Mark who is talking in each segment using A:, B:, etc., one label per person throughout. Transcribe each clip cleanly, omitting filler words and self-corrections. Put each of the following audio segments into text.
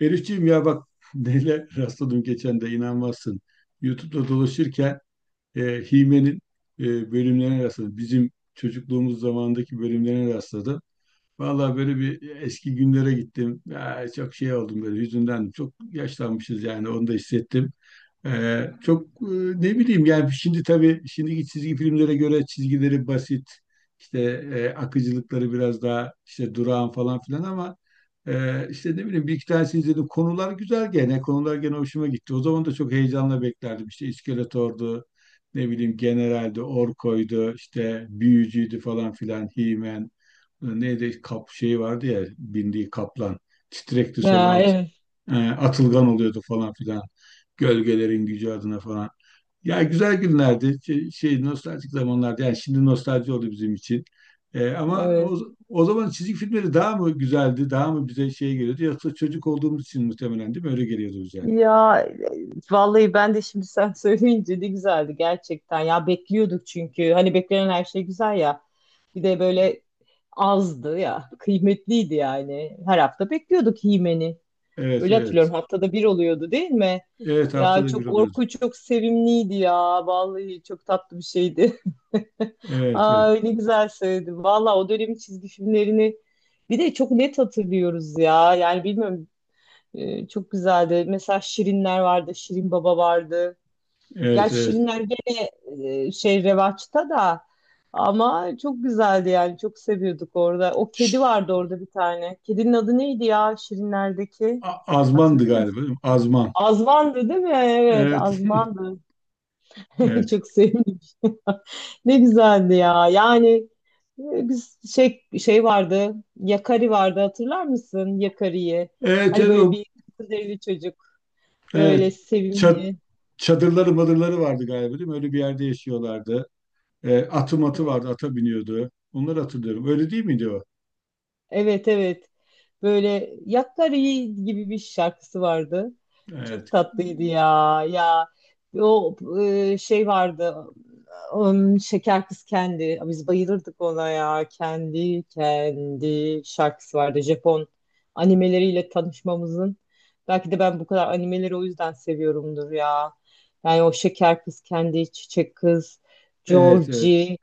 A: Elifciğim ya bak neyle rastladım geçen de inanmazsın. YouTube'da dolaşırken e, Hime'nin bölümlerine rastladım. Bizim çocukluğumuz zamanındaki bölümlerine rastladım. Vallahi böyle bir eski günlere gittim. Ya, çok şey oldum böyle yüzünden. Çok yaşlanmışız yani, onu da hissettim. Çok ne bileyim yani, şimdi tabii şimdiki çizgi filmlere göre çizgileri basit işte, akıcılıkları biraz daha işte durağan falan filan ama işte ne bileyim, bir iki tanesini izledim. Konular güzel, gene konular gene hoşuma gitti. O zaman da çok heyecanla beklerdim işte. İskeletor'du, ne bileyim, General'di, Orko'ydu, işte Büyücü'ydü falan filan, He-Man. Neydi, kap şeyi vardı ya bindiği, kaplan Titrekti, sonra
B: Ya, evet,
A: Atılgan oluyordu falan filan. Gölgelerin gücü adına falan. Ya, güzel günlerdi. Şey, şey, nostaljik zamanlardı. Yani şimdi nostalji oldu bizim için. Ama o,
B: evet.
A: o zaman çizgi filmleri daha mı güzeldi? Daha mı bize şey geliyordu? Yoksa çocuk olduğumuz için muhtemelen, değil mi? Öyle geliyordu bize.
B: Vallahi ben de şimdi sen söyleyince ne güzeldi gerçekten. Ya bekliyorduk çünkü. Hani beklenen her şey güzel ya. Bir de böyle azdı ya. Kıymetliydi yani. Her hafta bekliyorduk Himen'i.
A: Evet,
B: Öyle
A: evet.
B: hatırlıyorum. Haftada bir oluyordu değil mi?
A: Evet, haftada
B: Ya
A: bir
B: çok
A: oluyordu.
B: Orku çok sevimliydi ya. Vallahi çok tatlı bir şeydi.
A: Evet, evet,
B: Ay ne güzel söyledi. Valla o dönemin çizgi filmlerini bir de çok net hatırlıyoruz ya. Yani bilmiyorum. Çok güzeldi. Mesela Şirinler vardı, Şirin Baba vardı.
A: evet,
B: Gerçi
A: evet.
B: Şirinler gene şey revaçta da ama çok güzeldi yani çok seviyorduk orada. O kedi
A: Ş-
B: vardı orada bir tane. Kedinin adı neydi ya Şirinler'deki?
A: Azmandı
B: Hatırlıyor
A: galiba,
B: musun?
A: değil mi? Azman.
B: Azman'dı değil mi? Evet,
A: Evet,
B: Azman'dı.
A: evet.
B: Çok sevdim. Ne güzeldi ya. Yani, biz şey vardı. Yakari vardı hatırlar mısın? Yakari'yi.
A: Evet,
B: Hani
A: evet,
B: böyle
A: o,
B: bir kız evli çocuk.
A: evet.
B: Böyle
A: Çat,
B: sevimli.
A: çadırları madırları vardı galiba, değil mi? Öyle bir yerde yaşıyorlardı. Atı matı
B: Evet.
A: vardı, ata biniyordu. Onları hatırlıyorum. Öyle değil miydi o?
B: Evet, evet. Böyle Yakkari gibi bir şarkısı vardı. Çok
A: Evet.
B: tatlıydı ya. Ya o şey vardı. Şeker Kız Kendi. Biz bayılırdık ona ya. Kendi kendi şarkısı vardı. Japon animeleriyle tanışmamızın. Belki de ben bu kadar animeleri o yüzden seviyorumdur ya. Yani o Şeker Kız Kendi, Çiçek Kız,
A: Evet, evet.
B: Georgie.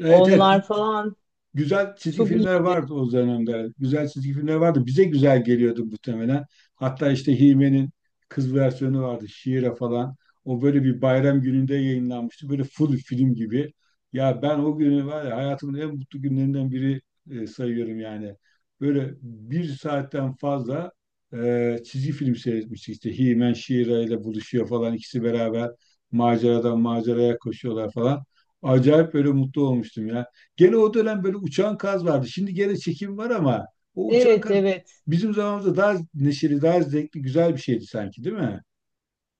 A: Evet, evet.
B: Onlar falan
A: Güzel çizgi
B: çok
A: filmler
B: iyiydi.
A: vardı o dönemde. Güzel çizgi filmler vardı. Bize güzel geliyordu muhtemelen. Hatta işte Hime'nin kız versiyonu vardı, Şiire falan. O böyle bir bayram gününde yayınlanmıştı, böyle full film gibi. Ya ben o günü, var ya, hayatımın en mutlu günlerinden biri sayıyorum yani. Böyle bir saatten fazla çizgi film seyretmiştik. İşte Himen Şiira ile buluşuyor falan, İkisi beraber maceradan maceraya koşuyorlar falan. Acayip böyle mutlu olmuştum ya. Gene o dönem böyle uçan kaz vardı. Şimdi gene çekim var ama o uçan
B: Evet,
A: kaz
B: evet.
A: bizim zamanımızda daha neşeli, daha zevkli, güzel bir şeydi sanki, değil mi?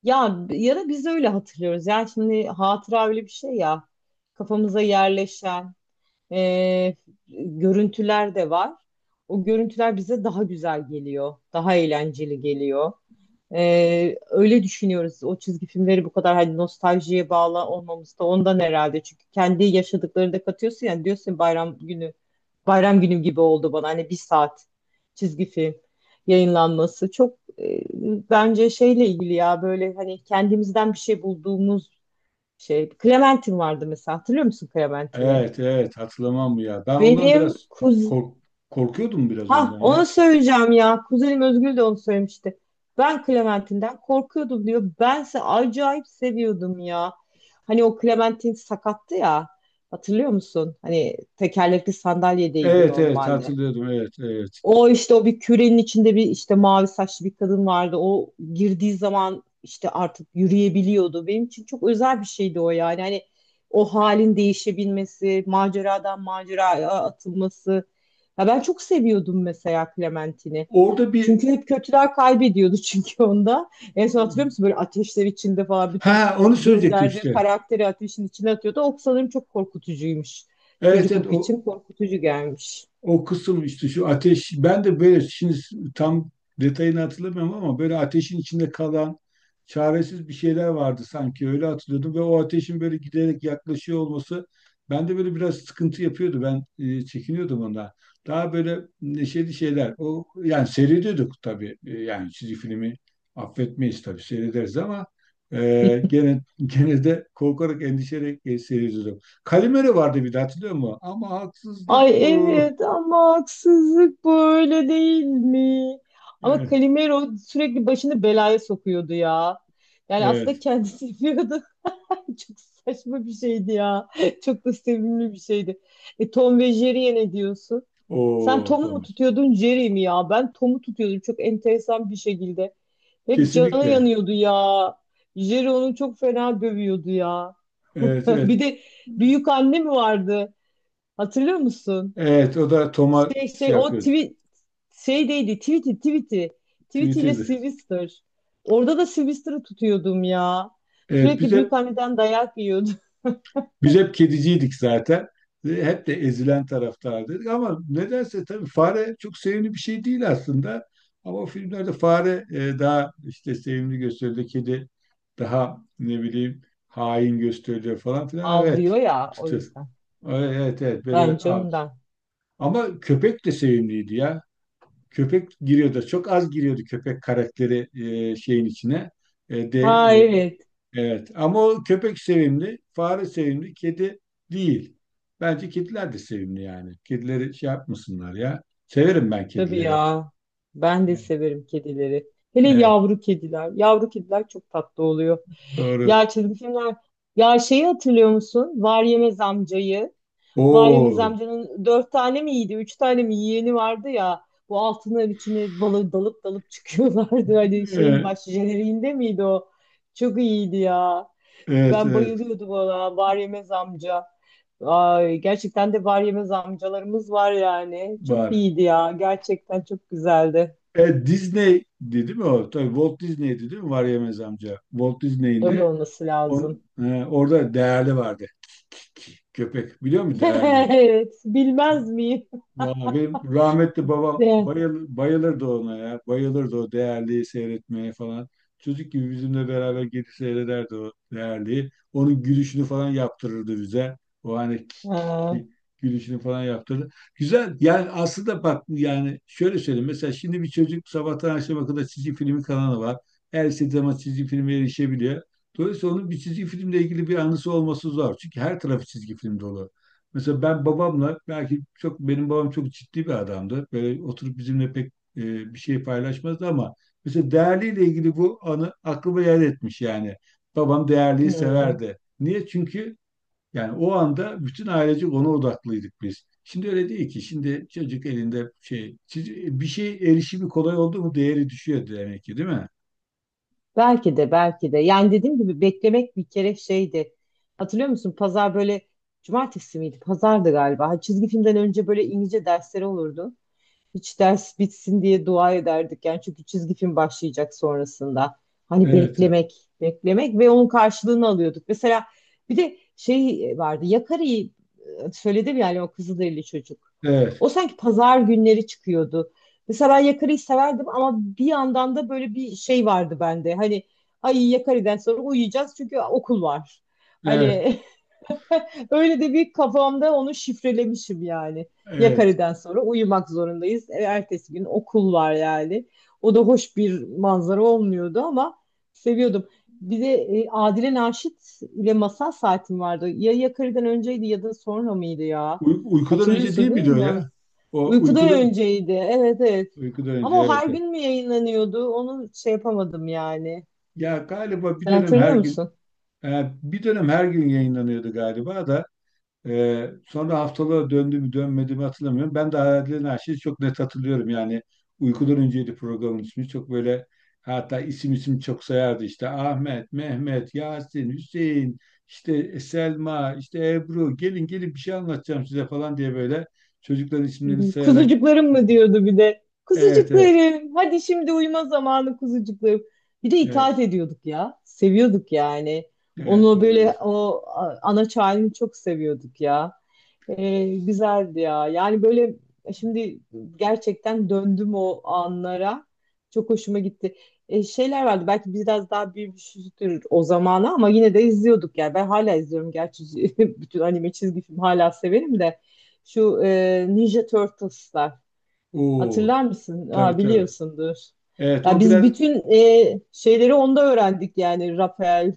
B: Ya ya da biz öyle hatırlıyoruz. Yani şimdi hatıra öyle bir şey ya. Kafamıza yerleşen e, görüntüler de var. O görüntüler bize daha güzel geliyor. Daha eğlenceli geliyor. Öyle düşünüyoruz. O çizgi filmleri bu kadar hani nostaljiye bağlı olmamız da ondan herhalde. Çünkü kendi yaşadıklarını da katıyorsun yani diyorsun bayram günü bayram günü gibi oldu bana hani bir saat çizgi film yayınlanması çok, bence şeyle ilgili ya böyle hani kendimizden bir şey bulduğumuz şey. Clementine vardı mesela hatırlıyor musun Clementine'i?
A: Evet, evet, hatırlamam mı ya? Ben ondan
B: Benim
A: biraz
B: kuz
A: kork korkuyordum biraz
B: Ha,
A: ondan ya.
B: onu söyleyeceğim ya. Kuzenim Özgül de onu söylemişti. Ben Clementine'den korkuyordum diyor. Bense acayip seviyordum ya. Hani o Clementine sakattı ya. Hatırlıyor musun? Hani tekerlekli sandalyedeydi
A: Evet, evet,
B: normalde.
A: hatırlıyordum. Evet, evet.
B: O işte o bir kürenin içinde bir işte mavi saçlı bir kadın vardı. O girdiği zaman işte artık yürüyebiliyordu. Benim için çok özel bir şeydi o yani. Hani o halin değişebilmesi, maceradan maceraya atılması. Ya ben çok seviyordum mesela Clementine'i.
A: Orada bir
B: Çünkü hep kötüler kaybediyordu çünkü onda. En son hatırlıyor musun böyle ateşler içinde falan bütün
A: Ha, onu söyleyecektim
B: gönderdiği
A: işte.
B: karakteri ateşin içine atıyordu. O sanırım çok korkutucuymuş.
A: Evet, evet,
B: Çocukluk için
A: o
B: korkutucu gelmiş.
A: O kısım işte şu ateş, ben de böyle şimdi tam detayını hatırlamıyorum ama böyle ateşin içinde kalan çaresiz bir şeyler vardı sanki, öyle hatırlıyordum ve o ateşin böyle giderek yaklaşıyor olması bende böyle biraz sıkıntı yapıyordu, ben çekiniyordum ondan. Daha böyle neşeli şeyler o yani seyrediyorduk tabii. Yani çizgi filmi affetmeyiz tabii, seyrederiz ama gene gene de korkarak, endişeyle seyrediyorduk. Kalimero vardı bir de, hatırlıyor musun? Ama haksızlık
B: Ay
A: bu.
B: evet ama haksızlık böyle değil mi? Ama
A: Evet,
B: Calimero sürekli başını belaya sokuyordu ya. Yani aslında
A: evet.
B: kendisi yapıyordu. Çok saçma bir şeydi ya. Çok da sevimli bir şeydi. Tom ve Jerry'e ne diyorsun? Sen
A: O
B: Tom'u mu
A: Thomas.
B: tutuyordun Jerry mi ya? Ben Tom'u tutuyordum çok enteresan bir şekilde. Hep canı
A: Kesinlikle.
B: yanıyordu ya. Jerry onu çok fena dövüyordu ya.
A: Evet,
B: Bir
A: evet.
B: de büyük anne mi vardı? Hatırlıyor musun?
A: Evet, o da Tom'a
B: Şey
A: şey
B: şey o
A: yapıyordu.
B: tweet şeydeydi tweet'iyle ile
A: Twitter'dı.
B: Sylvester. Orada da Sylvester'ı tutuyordum ya.
A: Evet, biz
B: Sürekli
A: hep
B: büyükanneden dayak yiyordu.
A: biz hep kediciydik zaten. Ve hep de ezilen taraftardık ama nedense, tabii fare çok sevimli bir şey değil aslında. Ama o filmlerde fare daha işte sevimli gösteriliyor, kedi daha ne bileyim hain gösteriliyor falan filan. Evet.
B: Ağlıyor ya o
A: Tutuyor.
B: yüzden.
A: Evet, evet, evet, böyle
B: Bence
A: abi.
B: ondan.
A: Ama köpek de sevimliydi ya. Köpek giriyordu. Çok az giriyordu köpek karakteri şeyin içine. E, de
B: Ha evet
A: evet. Ama o köpek sevimli, fare sevimli, kedi değil. Bence kediler de sevimli yani. Kedileri şey yapmasınlar ya. Severim ben
B: tabii
A: kedileri.
B: ya. Ben de
A: Evet,
B: severim kedileri. Hele
A: evet,
B: yavru kediler. Yavru kediler çok tatlı oluyor.
A: doğru.
B: Ya çizgi filmler. Ya şeyi hatırlıyor musun? Var Yemez amcayı. Bayram
A: Oo.
B: amcanın dört tane mi iyiydi, üç tane mi yeğeni vardı ya. Bu altınların içine balı dalıp dalıp çıkıyorlardı. Hani şeyin
A: E,
B: baş jeneriğinde miydi o? Çok iyiydi ya.
A: Evet,
B: Ben
A: evet
B: bayılıyordum ona. Var yemez amca. Ay, gerçekten de var yemez amcalarımız var yani. Çok
A: var.
B: iyiydi ya. Gerçekten çok güzeldi.
A: Disney değil mi o? Tabii Walt Disney'di, değil mi? Var Yemez amca. Walt Disney'in
B: Öyle
A: de
B: olması lazım.
A: orada Değerli vardı. Köpek, biliyor musun Değerli?
B: Evet, bilmez miyim?
A: Vallahi benim rahmetli babam
B: De.
A: bayılırdı ona ya. Bayılırdı o Değerli'yi seyretmeye falan. Çocuk gibi bizimle beraber gidip seyrederdi o Değerli'yi. Onun gülüşünü falan yaptırırdı bize. O hani
B: Ha,
A: gülüşünü falan yaptırdı. Güzel. Yani aslında bak, yani şöyle söyleyeyim. Mesela şimdi bir çocuk, sabahtan akşama kadar çizgi filmi kanalı var. Her istediği zaman çizgi filme erişebiliyor. Dolayısıyla onun bir çizgi filmle ilgili bir anısı olması zor. Çünkü her tarafı çizgi film dolu. Mesela ben babamla belki çok, benim babam çok ciddi bir adamdı. Böyle oturup bizimle pek e, bir şey paylaşmazdı ama mesela Değerli'yle ilgili bu anı aklıma yer etmiş yani. Babam Değerli'yi
B: hmm.
A: severdi. Niye? Çünkü yani o anda bütün ailece ona odaklıydık biz. Şimdi öyle değil ki. Şimdi çocuk elinde şey, bir şey, erişimi kolay oldu mu değeri düşüyor demek ki, değil mi?
B: Belki de belki de. Yani dediğim gibi beklemek bir kere şeydi. Hatırlıyor musun? Pazar böyle cumartesi miydi? Pazardı galiba. Çizgi filmden önce böyle İngilizce dersleri olurdu. Hiç ders bitsin diye dua ederdik yani çünkü çizgi film başlayacak sonrasında. Hani
A: Evet,
B: beklemek, beklemek ve onun karşılığını alıyorduk. Mesela bir de şey vardı. Yakari'yi, söyledim yani o Kızılderili çocuk.
A: evet,
B: O sanki pazar günleri çıkıyordu. Mesela ben Yakari'yi severdim ama bir yandan da böyle bir şey vardı bende. Hani ay Yakari'den sonra uyuyacağız çünkü okul var.
A: evet,
B: Hani öyle de bir kafamda onu şifrelemişim yani.
A: evet.
B: Yakarı'dan sonra uyumak zorundayız. Ertesi gün okul var yani. O da hoş bir manzara olmuyordu ama seviyordum. Bir de Adile Naşit ile masal saatim vardı. Ya Yakarı'dan önceydi ya da sonra mıydı ya?
A: Uykudan önce
B: Hatırlıyorsun
A: değil
B: değil
A: miydi o
B: mi?
A: ya? O
B: Uykudan
A: uykudan,
B: önceydi. Evet, evet.
A: uykudan önce,
B: Ama o
A: evet.
B: her
A: Evet.
B: gün mü yayınlanıyordu? Onu şey yapamadım yani.
A: Ya galiba
B: Sen hatırlıyor musun?
A: bir dönem her gün yayınlanıyordu galiba da. Sonra haftalığa döndü mü dönmedi mi hatırlamıyorum. Ben de Hayallerin Arşivi çok net hatırlıyorum. Yani uykudan önceydi programın ismi. Çok böyle, hatta isim isim çok sayardı, işte Ahmet, Mehmet, Yasin, Hüseyin, işte Selma, işte Ebru, gelin gelin bir şey anlatacağım size falan diye, böyle çocukların isimlerini sayarak
B: Kuzucuklarım mı
A: yapar.
B: diyordu bir de.
A: Evet, evet,
B: Kuzucuklarım, hadi şimdi uyuma zamanı kuzucuklarım. Bir de itaat
A: evet,
B: ediyorduk ya. Seviyorduk yani.
A: evet,
B: Onu böyle
A: doğrudur.
B: ana çağını çok seviyorduk ya. Güzeldi ya. Yani böyle şimdi gerçekten döndüm o anlara. Çok hoşuma gitti. Şeyler vardı belki biraz daha büyümüşüzdür o zamana ama yine de izliyorduk yani. Ben hala izliyorum gerçi bütün anime çizgi film hala severim de. Şu Ninja Turtles'lar.
A: Oo,
B: Hatırlar mısın?
A: tabii,
B: Aa,
A: tabii.
B: biliyorsundur.
A: Evet
B: Ya
A: o
B: biz
A: biraz
B: bütün şeyleri onda öğrendik yani. Rafael,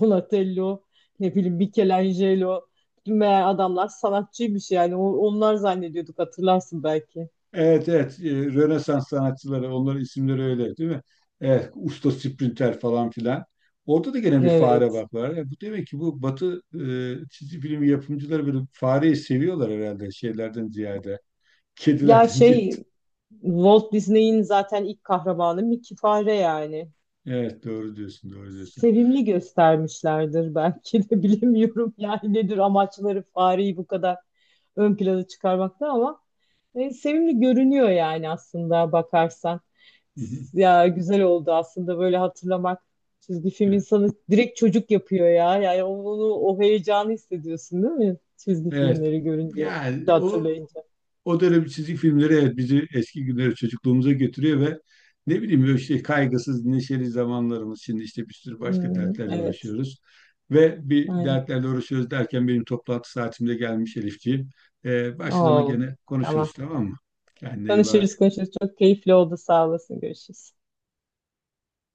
B: Donatello, ne bileyim Michelangelo. Bütün meğer adamlar sanatçıymış yani. Onlar zannediyorduk hatırlarsın belki.
A: Evet, evet, Rönesans sanatçıları, onların isimleri öyle, değil mi? Evet, usta sprinter falan filan. Orada da gene bir fare
B: Evet.
A: bak, var. Bu demek ki bu Batı çizgi film yapımcıları böyle fareyi seviyorlar herhalde şeylerden ziyade,
B: Ya
A: kedilerden ziyade.
B: şey Walt Disney'in zaten ilk kahramanı Mickey Fare yani.
A: Evet, doğru diyorsun, doğru diyorsun.
B: Sevimli göstermişlerdir belki de bilemiyorum yani nedir amaçları fareyi bu kadar ön plana çıkarmakta ama sevimli görünüyor yani aslında bakarsan.
A: Hı hı.
B: Ya güzel oldu aslında böyle hatırlamak. Çizgi film insanı direkt çocuk yapıyor ya. Yani onu o heyecanı hissediyorsun değil mi? Çizgi
A: Evet.
B: filmleri görünce,
A: Yani o
B: hatırlayınca.
A: O dönem çizgi filmleri, evet, bizi eski günlere, çocukluğumuza götürüyor ve ne bileyim böyle işte kaygısız neşeli zamanlarımız, şimdi işte bir sürü başka
B: Hmm,
A: dertlerle
B: evet.
A: uğraşıyoruz. Ve bir
B: Aynen.
A: dertlerle uğraşıyoruz derken benim toplantı saatimde gelmiş Elifciğim. Başka zaman
B: Oo,
A: gene konuşuruz,
B: tamam.
A: tamam mı? Kendine iyi
B: Konuşuruz
A: bak.
B: konuşuruz. Çok keyifli oldu. Sağ olasın. Görüşürüz.